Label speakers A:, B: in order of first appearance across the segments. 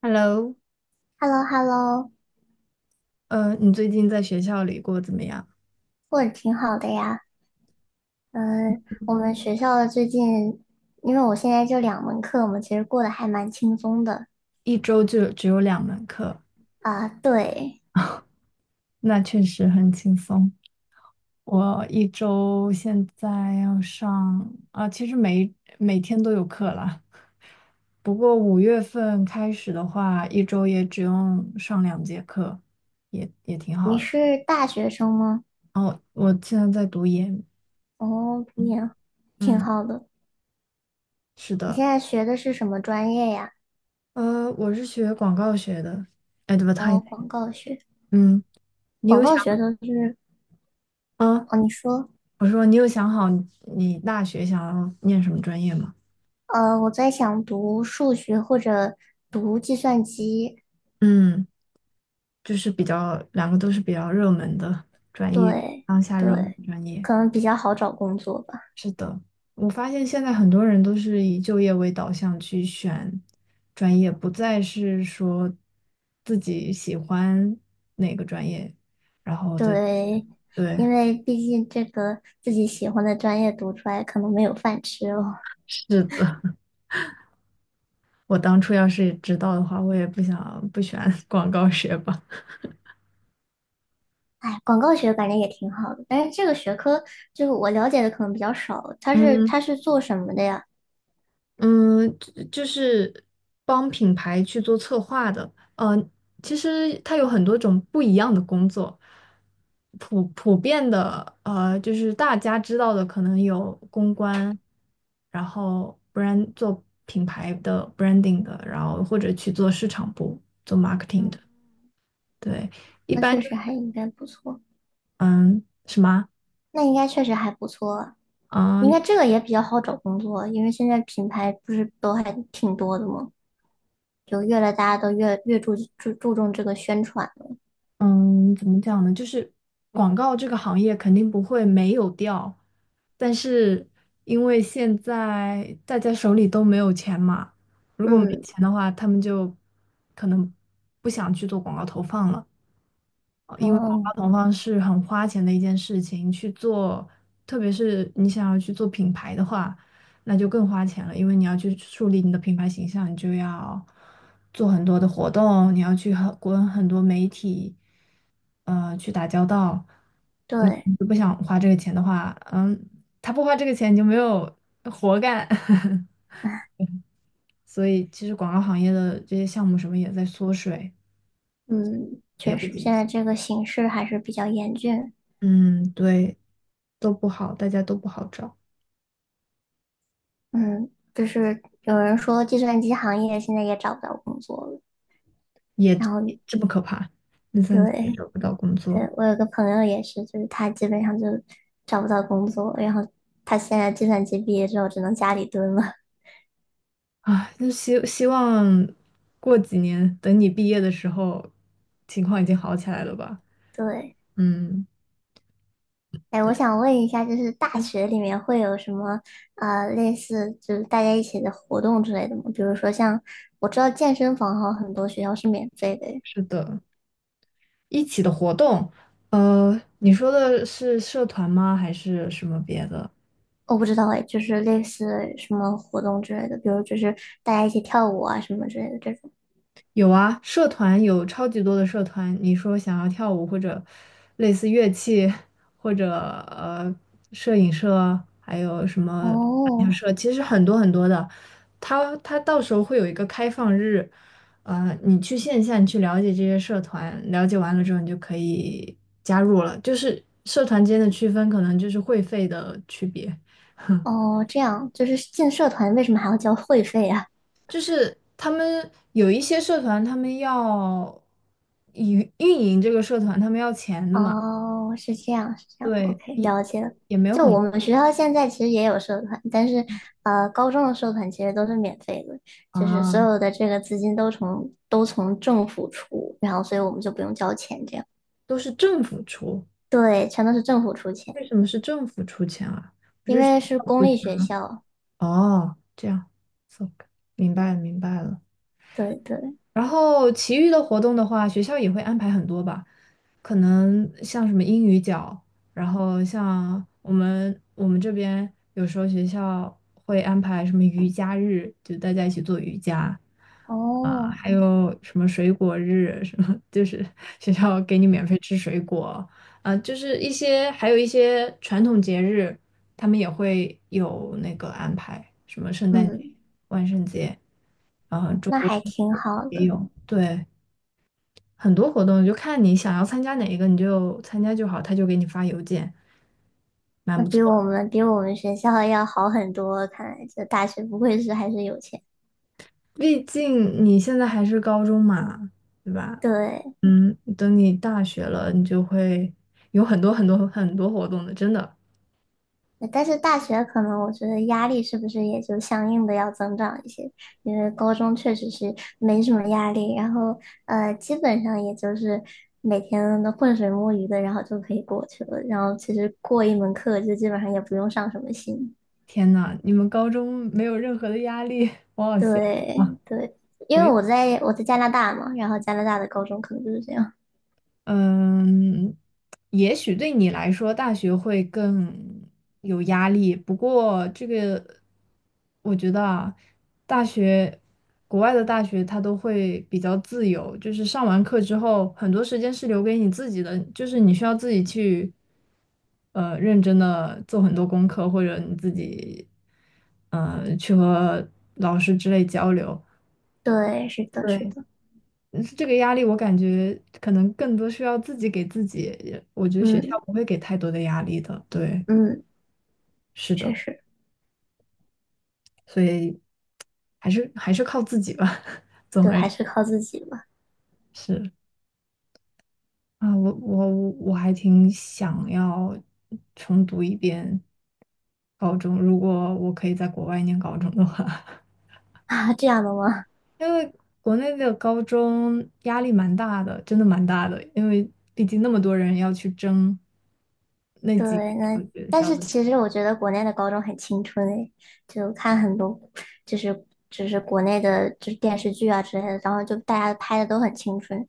A: Hello,
B: h e l l o h e l l o
A: 你最近在学校里过得怎么样？
B: 过得挺好的呀。嗯，我们学校的最近，因为我现在就两门课嘛，其实过得还蛮轻松的
A: 一周就只有2门课，
B: 啊。对，
A: 那确实很轻松。我一周现在要上，其实每天都有课啦。不过5月份开始的话，一周也只用上2节课，也挺
B: 你
A: 好的。
B: 是大学生吗？
A: 哦，我现在在读研，
B: 哦，读研，挺
A: 嗯，
B: 好的。
A: 是
B: 你
A: 的，
B: 现在学的是什么专业呀？
A: 我是学广告学的
B: 哦，
A: ，advertising,
B: 广告学。
A: 嗯，你
B: 广
A: 有想？
B: 告学的是，
A: 啊，
B: 哦，你说，
A: 我说你有想好你大学想要念什么专业吗？
B: 我在想读数学或者读计算机。
A: 嗯，就是比较两个都是比较热门的专业，
B: 对
A: 当下热门
B: 对，
A: 专业。
B: 可能比较好找工作吧。
A: 是的，我发现现在很多人都是以就业为导向去选专业，不再是说自己喜欢哪个专业，然后再
B: 对，
A: 对，
B: 因为毕竟这个自己喜欢的专业读出来可能没有饭吃哦。
A: 是的，我当初要是知道的话，我也不想不选 广告学吧。
B: 哎，广告学感觉也挺好的，但是这个学科就是我了解的可能比较少。它是
A: 嗯。
B: 它是做什么的呀？
A: 嗯，就是帮品牌去做策划的。呃，其实它有很多种不一样的工作，普遍的，就是大家知道的，可能有公关，然后 brand 做品牌的 branding 的，然后或者去做市场部做 marketing 的。
B: 嗯，
A: 对，一
B: 那
A: 般
B: 确
A: 就
B: 实
A: 是
B: 还应该不错，
A: 什么
B: 那应该确实还不错啊，
A: 啊？
B: 应
A: 嗯。
B: 该这个也比较好找工作，因为现在品牌不是都还挺多的吗？就越来大家都越注重这个宣传了。
A: 嗯，怎么讲呢？就是广告这个行业肯定不会没有掉，但是因为现在大家手里都没有钱嘛，如果没
B: 嗯，
A: 钱的话，他们就可能不想去做广告投放了。因为广告
B: 哦，
A: 投放是很花钱的一件事情，去做，特别是你想要去做品牌的话，那就更花钱了，因为你要去树立你的品牌形象，你就要做很多的活动，你要去和跟很多媒体，去打交道。那
B: 对。
A: 你不想花这个钱的话，嗯，他不花这个钱，你就没有活干。所以，其实广告行业的这些项目什么也在缩水，
B: 嗯，
A: 也
B: 确
A: 不
B: 实，
A: 景
B: 现
A: 气。
B: 在这个形势还是比较严峻。
A: 嗯，对。都不好，大家都不好找，
B: 嗯，就是有人说计算机行业现在也找不到工作了。
A: 也
B: 然后，
A: 这么可怕，那三级也
B: 对
A: 找不到工
B: 对，
A: 作，
B: 我有个朋友也是，就是他基本上就找不到工作，然后他现在计算机毕业之后只能家里蹲了。
A: 啊！就希望过几年，等你毕业的时候，情况已经好起来了吧？
B: 对，
A: 嗯
B: 哎，我想问一下，就是大
A: 嗯，
B: 学里面会有什么类似就是大家一起的活动之类的吗？比如说像我知道健身房好像很多学校是免费的，
A: 是的，一起的活动，你说的是社团吗？还是什么别的？
B: 我不知道哎，就是类似什么活动之类的，比如就是大家一起跳舞啊什么之类的这种。
A: 有啊，社团有超级多的社团。你说想要跳舞或者类似乐器，或者呃摄影社，还有什么篮球
B: 哦
A: 社，其实很多很多的。它到时候会有一个开放日，你去线下你去了解这些社团，了解完了之后你就可以加入了。就是社团间的区分可能就是会费的区别。
B: 哦，这样就是进社团为什么还要交会费啊？
A: 就是他们有一些社团，他们要运营这个社团，他们要钱的嘛，
B: 哦，是这样是这样
A: 对，
B: ，OK,
A: 也
B: 了解了。
A: 也没有
B: 就
A: 很
B: 我们学
A: 贵
B: 校现在其实也有社团，但是高中的社团其实都是免费的，就是所
A: 啊，
B: 有的这个资金都从政府出，然后所以我们就不用交钱这样。
A: 都是政府出。
B: 对，全都是政府出钱，
A: 为什么是政府出钱啊？不
B: 因
A: 是学
B: 为是
A: 校
B: 公
A: 出
B: 立
A: 钱？
B: 学校。
A: 哦，这样，so,明白了明白了。
B: 对对，
A: 然后其余的活动的话，学校也会安排很多吧，可能像什么英语角，然后像我们这边有时候学校会安排什么瑜伽日，就大家一起做瑜伽啊，
B: 哦。
A: 还有什么水果日，什么就是 学校给你免费吃水果啊，就是一些还有一些传统节日，他们也会有那个安排，什么圣诞节、
B: 嗯，
A: 万圣节。啊，中
B: 那
A: 国
B: 还挺好
A: 也
B: 的，
A: 有，对，很多活动就看你想要参加哪一个，你就参加就好，他就给你发邮件，蛮
B: 那
A: 不
B: 比
A: 错的。
B: 我们比我们学校要好很多。看来这大学不愧是还是有钱。
A: 毕竟你现在还是高中嘛，对吧？
B: 对，
A: 嗯，等你大学了，你就会有很多很多很多活动的，真的。
B: 但是大学可能我觉得压力是不是也就相应的要增长一些？因为高中确实是没什么压力，然后基本上也就是每天都浑水摸鱼的，然后就可以过去了。然后其实过一门课就基本上也不用上什么心。
A: 天呐，你们高中没有任何的压力，我好羡慕啊！
B: 对对，因为我在加拿大嘛，然后加拿大的高中可能就是这样。
A: 嗯，也许对你来说，大学会更有压力。不过，这个我觉得啊，大学国外的大学它都会比较自由，就是上完课之后，很多时间是留给你自己的，就是你需要自己去认真的做很多功课，或者你自己去和老师之类交流。
B: 对，是的，是
A: 对。
B: 的，
A: 是这个压力，我感觉可能更多需要自己给自己。我觉得学校
B: 嗯
A: 不会给太多的压力的，对，
B: 嗯，
A: 是
B: 确
A: 的，
B: 实，
A: 所以还是靠自己吧。总
B: 对，
A: 而
B: 还
A: 言
B: 是靠自己嘛。
A: 之，啊，我还挺想要重读一遍高中，如果我可以在国外念高中的话，
B: 啊，这样的吗？
A: 因为国内的高中压力蛮大的，真的蛮大的，因为毕竟那么多人要去争那几个
B: 对，
A: 小
B: 那
A: 学
B: 但
A: 校
B: 是
A: 的，
B: 其实我觉得国内的高中很青春诶，就看很多就是就是国内的就是电视剧啊之类的，然后就大家拍的都很青春，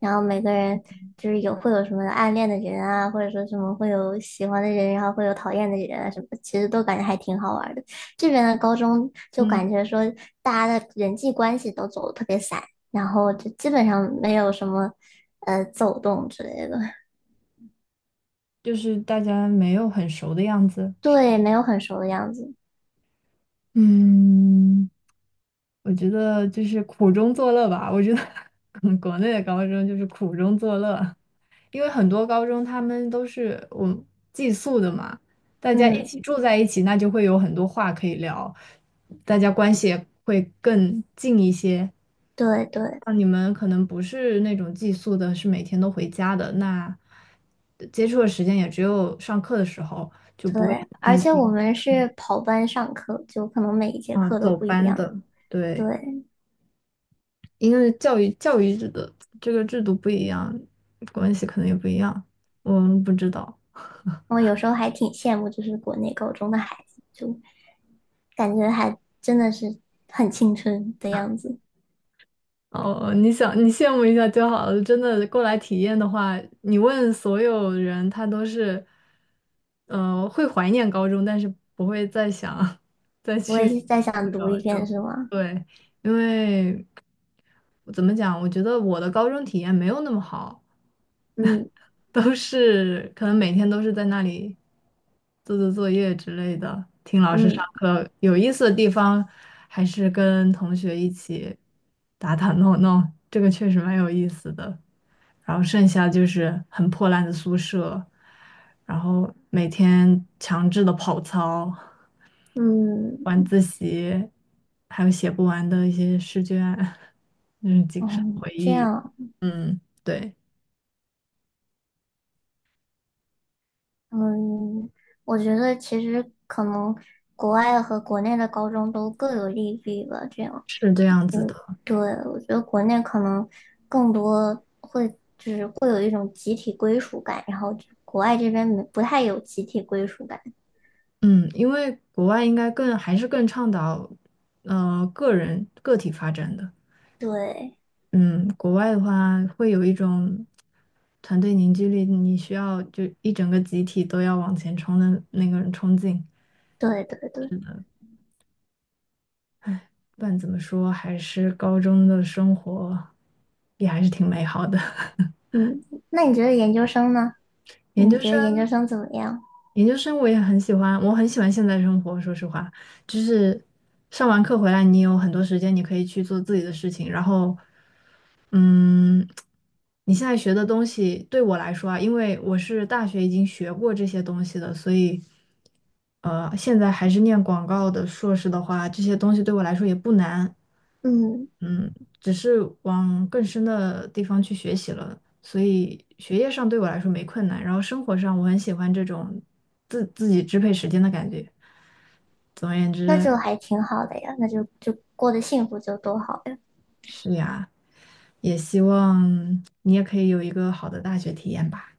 B: 然后每个人就是有会有什么暗恋的人啊，或者说什么会有喜欢的人，然后会有讨厌的人啊什么的其实都感觉还挺好玩的。这边的高中就
A: 嗯。
B: 感觉说大家的人际关系都走的特别散，然后就基本上没有什么走动之类的，
A: 就是大家没有很熟的样子。是
B: 对，没有很熟的样子。
A: 嗯，我觉得就是苦中作乐吧。我觉得 嗯国内的高中就是苦中作乐，因为很多高中他们都是我们寄宿的嘛，大家一
B: 嗯，
A: 起住在一起，那就会有很多话可以聊，大家关系也会更近一些。
B: 对对
A: 那你们可能不是那种寄宿的，是每天都回家的，那接触的时间也只有上课的时候，就不会很
B: 对，而
A: 亲
B: 且我
A: 近。
B: 们
A: 嗯。
B: 是跑班上课，就可能每一节
A: 啊，
B: 课都
A: 走
B: 不一
A: 班
B: 样。
A: 的，
B: 对，
A: 对，因为教育制的这个制度不一样，关系可能也不一样，我们不知道。
B: 我有时候还挺羡慕，就是国内高中的孩子，就感觉还真的是很青春的样子。
A: 哦，你想你羡慕一下就好了。真的过来体验的话，你问所有人，他都是，会怀念高中，但是不会再想 再
B: 我也
A: 去
B: 是再想
A: 读
B: 读
A: 高
B: 一遍，
A: 中。
B: 是吗？
A: 对，因为怎么讲，我觉得我的高中体验没有那么好。
B: 嗯
A: 都是可能每天都是在那里做做作业之类的，听老师上
B: 嗯
A: 课。有意思的地方还是跟同学一起打打闹闹，这个确实蛮有意思的。然后剩下就是很破烂的宿舍，然后每天强制的跑操、
B: 嗯
A: 晚自习，还有写不完的一些试卷，嗯，仅剩
B: 嗯，
A: 回
B: 这
A: 忆。
B: 样，
A: 嗯，对，
B: 嗯，我觉得其实可能国外和国内的高中都各有利弊吧，这样。
A: 是这样子
B: 嗯，
A: 的。
B: 对，我觉得国内可能更多。就是会有一种集体归属感，然后就国外这边没不太有集体归属感。
A: 嗯，因为国外应该更还是更倡导，个人个体发展的。
B: 对，
A: 嗯，国外的话会有一种团队凝聚力，你需要就一整个集体都要往前冲的那个冲劲。
B: 对，对，对，
A: 是的，不管怎么说，还是高中的生活也还是挺美好的。
B: 嗯，那你觉得研究生呢？
A: 研究
B: 你觉得研究
A: 生，
B: 生怎么样？
A: 研究生我也很喜欢，我很喜欢现在生活。说实话，就是上完课回来，你有很多时间，你可以去做自己的事情。然后，嗯，你现在学的东西对我来说啊，因为我是大学已经学过这些东西的，所以，现在还是念广告的硕士的话，这些东西对我来说也不难。
B: 嗯，
A: 嗯，只是往更深的地方去学习了，所以学业上对我来说没困难，然后生活上我很喜欢这种自己支配时间的感觉。总而言
B: 那
A: 之，
B: 就还挺好的呀，那就就过得幸福就多好呀。
A: 是呀，也希望你也可以有一个好的大学体验吧。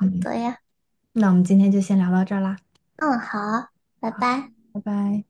A: 嗯，
B: 对呀，
A: 那我们今天就先聊到这儿啦，
B: 嗯，好，拜拜。
A: 拜拜。